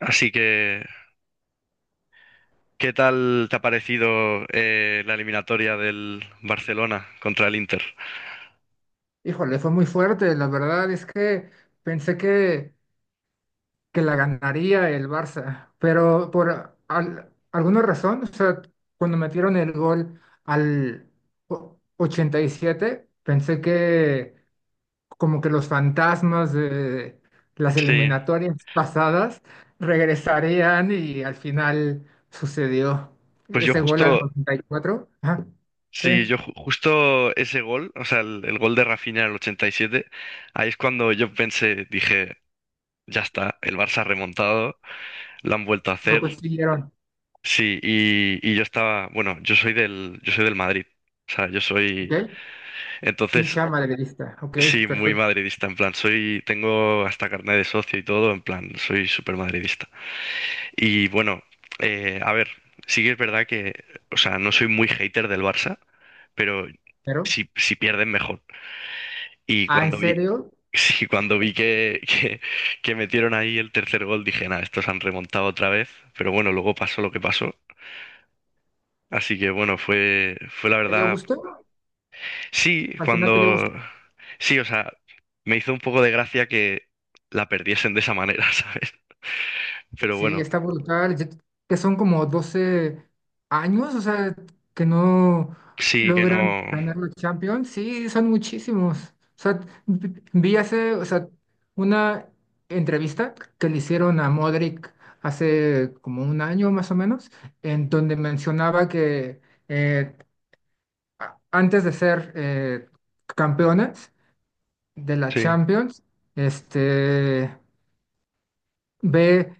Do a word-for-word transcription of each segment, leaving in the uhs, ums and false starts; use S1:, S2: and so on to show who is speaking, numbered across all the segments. S1: Así que, ¿qué tal te ha parecido eh, la eliminatoria del Barcelona contra el Inter?
S2: Híjole, fue muy fuerte. La verdad es que pensé que, que la ganaría el Barça, pero por al- alguna razón, o sea, cuando metieron el gol al o- ochenta y siete pensé que como que los fantasmas de las
S1: Sí,
S2: eliminatorias pasadas regresarían y al final sucedió
S1: pues yo
S2: ese gol al
S1: justo,
S2: noventa y cuatro. Ajá, sí,
S1: sí, yo ju- justo ese gol, o sea, el, el gol de Rafinha en el ochenta y siete, ahí es cuando yo pensé, dije, ya está, el Barça ha remontado, lo han vuelto a
S2: lo
S1: hacer,
S2: consiguieron.
S1: sí, y, y yo estaba, bueno, yo soy del, yo soy del Madrid, o sea, yo soy,
S2: ¿Ok?
S1: entonces,
S2: Hincha madridista, ok,
S1: sí, muy
S2: perfecto.
S1: madridista, en plan, soy, tengo hasta carnet de socio y todo, en plan, soy súper madridista. Y bueno, eh, a ver, sí que es verdad que, o sea, no soy muy hater del Barça, pero
S2: Pero,
S1: si, si pierden mejor. Y
S2: ah, ¿en
S1: cuando vi,
S2: serio?
S1: sí, cuando vi que, que, que metieron ahí el tercer gol, dije, nada, estos han remontado otra vez. Pero bueno, luego pasó lo que pasó. Así que bueno, fue, fue la
S2: ¿Te dio
S1: verdad.
S2: gusto?
S1: Sí,
S2: ¿Al final te dio
S1: cuando.
S2: gusto?
S1: Sí, o sea, me hizo un poco de gracia que la perdiesen de esa manera, ¿sabes? Pero
S2: Sí,
S1: bueno,
S2: está brutal. Yo- que son como doce años, o sea, que no
S1: sí que
S2: logran
S1: no.
S2: ganar la Champions. Sí, son muchísimos. O sea, vi vi hace, o sea, una entrevista que le hicieron a Modric hace como un año más o menos, en donde mencionaba que eh, a- antes de ser eh, campeones de la
S1: Sí,
S2: Champions, este ve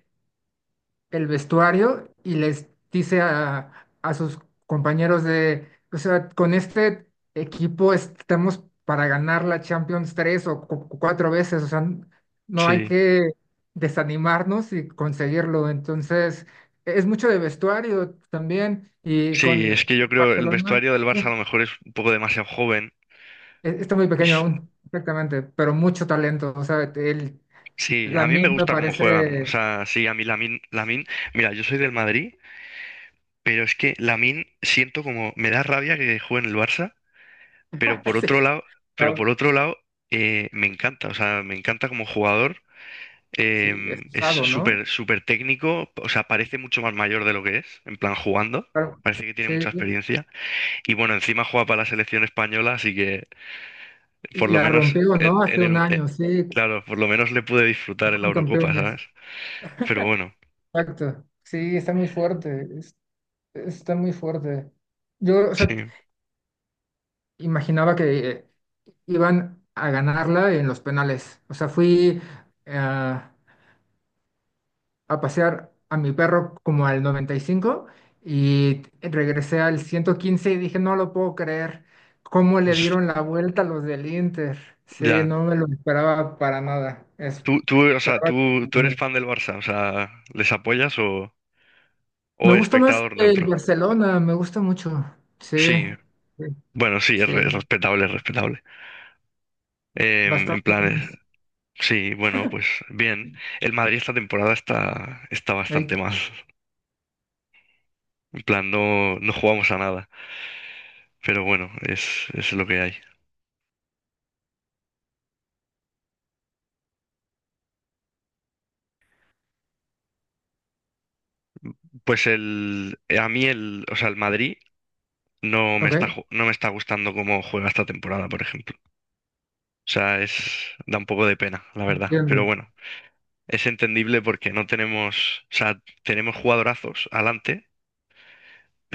S2: el vestuario y les dice a, a sus compañeros de, o sea, con este equipo estamos para ganar la Champions tres o cu- cu- cuatro veces, o sea, n- no hay
S1: sí.
S2: que desanimarnos y conseguirlo. Entonces, es mucho de vestuario también y
S1: Sí,
S2: con
S1: es
S2: eh,
S1: que yo creo el
S2: Barcelona
S1: vestuario del Barça a lo mejor es un poco demasiado joven.
S2: eh, está muy
S1: Y
S2: pequeño
S1: s-
S2: aún, exactamente, pero mucho talento, o sea, el,
S1: Sí, a mí me
S2: Lamine me
S1: gusta cómo juegan. O
S2: parece,
S1: sea, sí, a mí Lamin, Lamin, mira, yo soy del Madrid, pero es que Lamin siento como me da rabia que juegue en el Barça, pero por otro
S2: sí,
S1: lado, pero
S2: ah,
S1: por otro lado eh, me encanta. O sea, me encanta como jugador.
S2: sí, es
S1: Em, es
S2: usado, ¿no?
S1: súper súper técnico. O sea, parece mucho más mayor de lo que es, en plan jugando.
S2: Claro,
S1: Parece que tiene
S2: sí,
S1: mucha
S2: sí. Sí.
S1: experiencia. Y bueno, encima juega para la selección española, así que por
S2: Y
S1: lo
S2: la
S1: menos
S2: rompió,
S1: en,
S2: ¿no?
S1: en
S2: Hace un
S1: el,
S2: año, sí,
S1: claro, por lo menos le pude disfrutar en la
S2: fueron
S1: Eurocopa, ¿sabes?
S2: campeones.
S1: Pero bueno,
S2: Exacto. Sí, está muy fuerte, es- está muy fuerte. Yo, o sea,
S1: sí,
S2: imaginaba que eh, iban a ganarla en los penales. O sea, fui eh, a pasear a mi perro como al noventa y cinco y cinco y regresé al ciento quince y dije, no lo puedo creer, cómo le
S1: pues,
S2: dieron la vuelta a los del Inter. Sí,
S1: ya.
S2: no me lo esperaba para nada. Es.
S1: Tú, tú, o
S2: Pero
S1: sea, tú, tú eres
S2: bueno,
S1: fan del Barça, o sea, ¿les apoyas o,
S2: me
S1: o
S2: gusta más
S1: espectador
S2: el
S1: neutro?
S2: Barcelona, me gusta mucho. Sí,
S1: Sí,
S2: sí,
S1: bueno, sí, es,
S2: sí,
S1: re- es respetable, es respetable. Em, en
S2: bastante
S1: plan, eh,
S2: más.
S1: sí, bueno, pues bien. El Madrid esta temporada está, está bastante
S2: Ahí,
S1: mal. En plan, no, no jugamos a nada. Pero bueno, es, es lo que hay. Pues el, a mí el, o sea, el Madrid no me está,
S2: ok,
S1: ju- no me está gustando cómo juega esta temporada, por ejemplo. O sea, es, da un poco de pena, la verdad. Pero
S2: entiendo.
S1: bueno, es entendible porque no tenemos, o sea, tenemos jugadorazos adelante,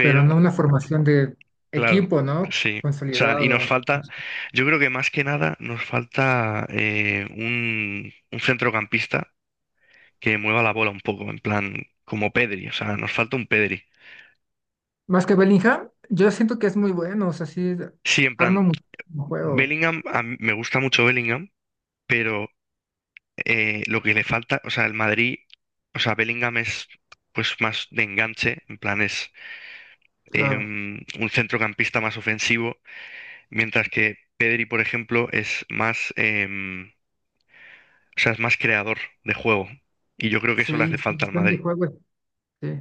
S2: Pero no una formación de
S1: claro,
S2: equipo, ¿no?
S1: sí. O sea, y nos
S2: Consolidado.
S1: falta, yo creo que más que nada nos falta eh, un, un centrocampista que mueva la bola un poco, en plan, como Pedri, o sea, nos falta un Pedri.
S2: Más que Bellingham, yo siento que es muy bueno, o sea, sí,
S1: Sí, en
S2: arma
S1: plan,
S2: muchísimo juego,
S1: Bellingham, a mí me gusta mucho Bellingham, pero eh, lo que le falta, o sea, el Madrid, o sea, Bellingham es pues más de enganche, en plan es em,
S2: claro.
S1: un centrocampista más ofensivo, mientras que Pedri, por ejemplo, es más, em, o sea, es más creador de juego. Y yo creo que eso le hace
S2: Sí, su
S1: falta al
S2: gestión de
S1: Madrid.
S2: juego, sí,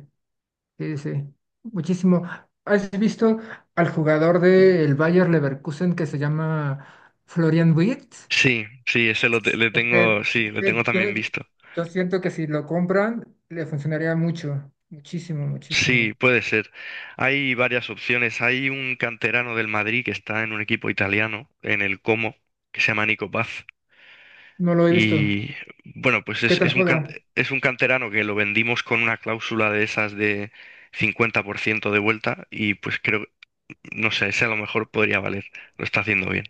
S2: sí, sí, muchísimo. ¿Has visto al jugador del Bayer Leverkusen que se llama Florian Wirtz?
S1: Sí, sí, ese lo te- le
S2: Es que-
S1: tengo, sí,
S2: es
S1: le
S2: que
S1: tengo
S2: yo,
S1: también visto.
S2: yo siento que si lo compran, le funcionaría mucho, muchísimo, muchísimo.
S1: Sí, puede ser. Hay varias opciones. Hay un canterano del Madrid que está en un equipo italiano, en el Como, que se llama Nico Paz.
S2: No lo he visto.
S1: Y bueno, pues
S2: ¿Qué
S1: es,
S2: tal
S1: es un can-
S2: juega?
S1: es un canterano que lo vendimos con una cláusula de esas de cincuenta por ciento de vuelta y pues creo, no sé, ese a lo mejor podría valer, lo está haciendo bien.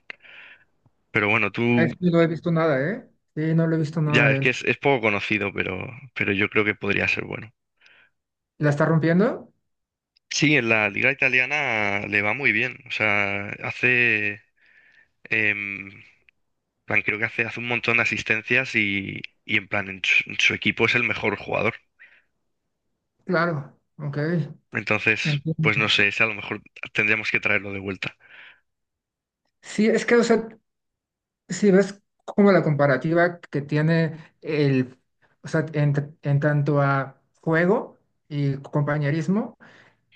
S1: Pero bueno, tú
S2: A este no he visto nada, ¿eh? Sí, no lo he visto nada
S1: ya
S2: a
S1: es que
S2: él.
S1: es, es poco conocido, pero, pero yo creo que podría ser bueno.
S2: ¿La está rompiendo?
S1: Sí, en la liga italiana le va muy bien. O sea, hace, em, en plan, creo que hace, hace un montón de asistencias y, y en plan, en su en su equipo es el mejor jugador.
S2: Claro, ok.
S1: Entonces,
S2: Entiendo.
S1: pues no sé, ese a lo mejor tendríamos que traerlo de vuelta.
S2: Sí, es que, o sea, si ves como la comparativa que tiene el, o sea, en, en tanto a juego y compañerismo,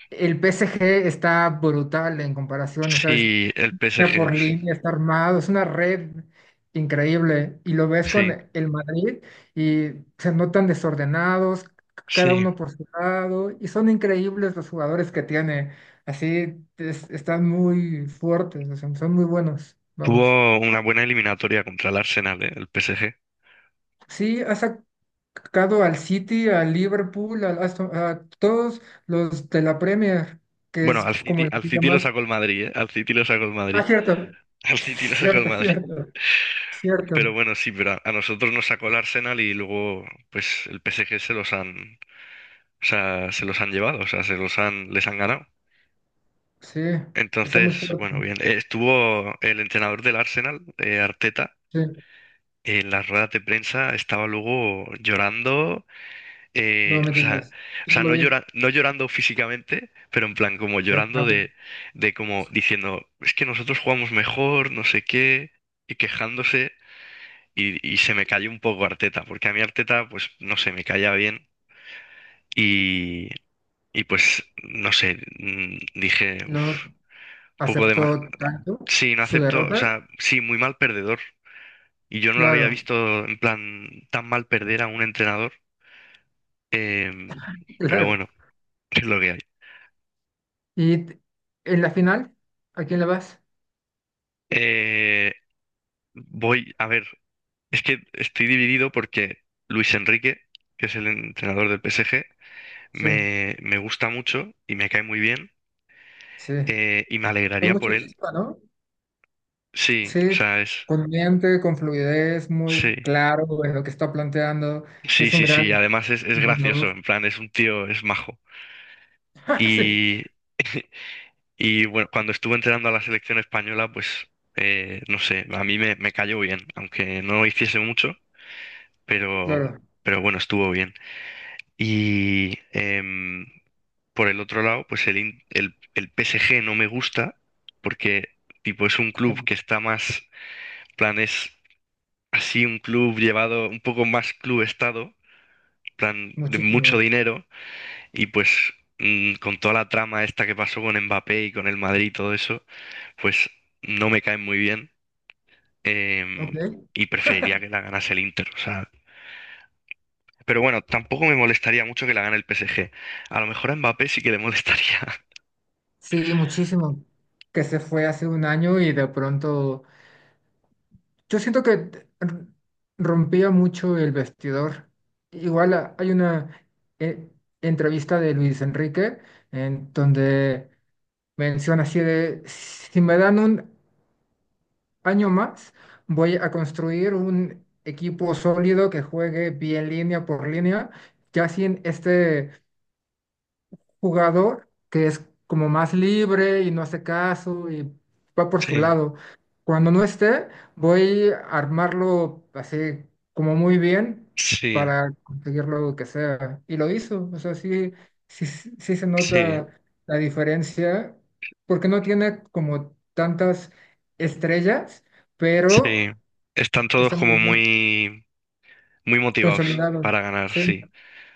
S2: el P S G está brutal en comparación, o sea, es-
S1: Sí, el
S2: línea
S1: P S G,
S2: por
S1: sí.
S2: línea, está armado, es una red increíble. Y lo ves con
S1: Sí,
S2: el Madrid y se notan desordenados, c- cada
S1: sí.
S2: uno por su lado, y son increíbles los jugadores que tiene. Así es- están muy fuertes, o sea, son muy buenos, vamos.
S1: Tuvo una buena eliminatoria contra el Arsenal, ¿eh? El P S G.
S2: Sí, ha sacado al City, al Liverpool, al Aston- a todos los de la Premier, que
S1: Bueno,
S2: es
S1: al
S2: como
S1: City,
S2: la
S1: al
S2: liga
S1: City lo
S2: más...
S1: sacó el Madrid, ¿eh? Al City lo sacó el
S2: Ah,
S1: Madrid.
S2: cierto,
S1: Al City lo sacó el
S2: cierto,
S1: Madrid.
S2: cierto,
S1: Pero
S2: cierto.
S1: bueno, sí, pero a, a nosotros nos sacó el Arsenal y luego, pues, el P S G se los han, o sea, se los han llevado, o sea, se los han, les han ganado.
S2: Sí, está muy
S1: Entonces,
S2: fuerte.
S1: bueno, bien. Eh, Estuvo el entrenador del Arsenal, eh, Arteta
S2: Sí,
S1: en las ruedas de prensa estaba luego llorando,
S2: no
S1: eh,
S2: me
S1: o sea,
S2: digas.
S1: o
S2: Yo no
S1: sea,
S2: lo
S1: no
S2: vi.
S1: llora, no llorando físicamente, pero en plan como
S2: Eh, ah,
S1: llorando
S2: ok.
S1: de, de como diciendo, es que nosotros jugamos mejor, no sé qué, y quejándose, y, y se me cayó un poco Arteta, porque a mí Arteta, pues, no sé, me caía bien, y, y pues, no sé, mm, dije,
S2: No
S1: uff, poco de mal,
S2: aceptó tanto
S1: sí, no
S2: su
S1: acepto, o
S2: derrota.
S1: sea, sí, muy mal perdedor. Y yo no lo había
S2: Claro,
S1: visto en plan tan mal perder a un entrenador. Em, pero
S2: claro.
S1: bueno, es lo que hay.
S2: Y t- en la final, ¿a quién le vas?
S1: Eh, voy a ver, es que estoy dividido porque Luis Enrique, que es el entrenador del P S G,
S2: Sí,
S1: me, me gusta mucho y me cae muy bien
S2: sí.
S1: eh, y me
S2: Con
S1: alegraría por
S2: mucha
S1: él.
S2: chispa, ¿no?
S1: Sí, o
S2: Sí,
S1: sea, es...
S2: con mente, con fluidez,
S1: Sí,
S2: muy claro en lo que está planteando. Sí,
S1: sí,
S2: es un
S1: sí, sí.
S2: gran
S1: Además es, es gracioso,
S2: entrenador.
S1: en plan, es un tío, es majo.
S2: Sí,
S1: Y, y bueno, cuando estuve entrenando a la selección española, pues, eh, no sé, a mí me, me cayó bien, aunque no hiciese mucho. pero,
S2: claro,
S1: pero bueno, estuvo bien. Y em, por el otro lado, pues el, In- el, el P S G no me gusta porque tipo es un club
S2: con-
S1: que está más, plan, es así un club llevado un poco más club estado, plan, de mucho
S2: muchísimo.
S1: dinero y pues mm, con toda la trama esta que pasó con Mbappé y con el Madrid y todo eso, pues no me caen muy bien. Em,
S2: Ok.
S1: y preferiría que la ganase el Inter, o sea, pero bueno, tampoco me molestaría mucho que la gane el P S G. A lo mejor a Mbappé sí que le molestaría.
S2: Sí, muchísimo. Que se fue hace un año y de pronto. Yo siento que r- rompía mucho el vestidor. Igual a- hay una eh, entrevista de Luis Enrique en donde menciona así de, si me dan un año más, voy a construir un equipo sólido que juegue bien línea por línea, ya sin este jugador que es como más libre y no hace caso y va por su
S1: Sí,
S2: lado. Cuando no esté, voy a armarlo así como muy bien
S1: sí,
S2: para conseguir lo que sea. Y lo hizo, o sea, sí, sí, sí se
S1: sí,
S2: nota la diferencia porque no tiene como tantas estrellas, pero
S1: sí. Están todos
S2: está muy
S1: como
S2: bien
S1: muy, muy motivados
S2: consolidados.
S1: para ganar,
S2: Sí,
S1: sí.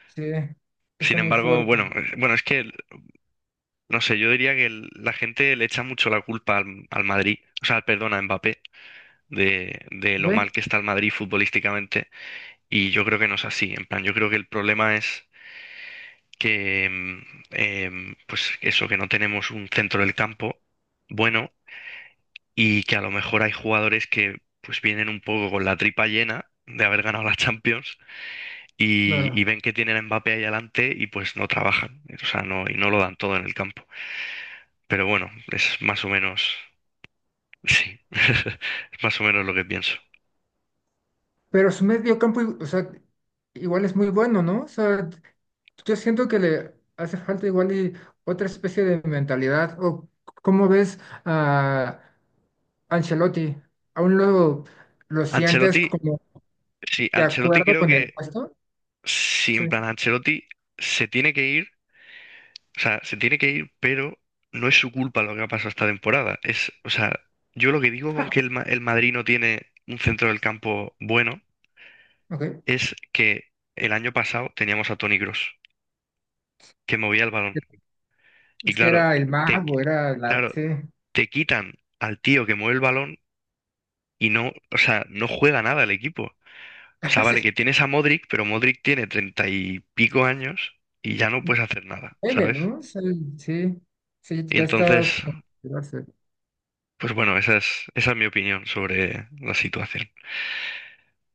S2: sí,
S1: Sin
S2: está muy
S1: embargo,
S2: fuerte.
S1: bueno, eh, bueno, es que, no sé, yo diría que el- la gente le echa mucho la culpa al, al Madrid, o sea, perdón, a Mbappé, de, de lo
S2: ¿Ve?
S1: mal que está el Madrid futbolísticamente. Y yo creo que no es así. En plan, yo creo que el problema es que mm, em, pues eso, que no tenemos un centro del campo bueno y que a lo mejor hay jugadores que pues vienen un poco con la tripa llena de haber ganado la Champions y,
S2: Claro.
S1: y ven que tienen a Mbappé ahí adelante y pues no trabajan, o sea, no, y no lo dan todo en el campo. Pero bueno, es más o menos, sí, es más o menos lo que pienso.
S2: Pero su medio campo, i- o sea, igual es muy bueno, ¿no? O sea, yo siento que le hace falta igual y otra especie de mentalidad. ¿O cómo ves a Ancelotti? ¿Aún lo, lo sientes
S1: Ancelotti,
S2: como
S1: sí,
S2: de
S1: Ancelotti
S2: acuerdo
S1: creo
S2: con el
S1: que,
S2: puesto?
S1: sí,
S2: Sí.
S1: en plan, Ancelotti se tiene que ir. O sea, se tiene que ir, pero no es su culpa lo que ha pasado esta temporada. Es, o sea, yo lo que digo con
S2: Ah,
S1: que el, Ma- el Madrid no tiene un centro del campo bueno
S2: ok.
S1: es que el año pasado teníamos a Toni Kroos, que movía el balón. Y
S2: Es que
S1: claro,
S2: era el
S1: te,
S2: mago, era el
S1: claro,
S2: arte.
S1: te quitan al tío que mueve el balón y no, o sea, no juega nada el equipo. O sea, vale, que tienes a Modric, pero Modric tiene treinta y pico años y ya no puedes hacer
S2: Sí.
S1: nada,
S2: Sí, Meme,
S1: ¿sabes?
S2: ¿no? O sea, sí, sí,
S1: Y
S2: ya está.
S1: entonces pues bueno, esa es, esa es mi opinión sobre la situación.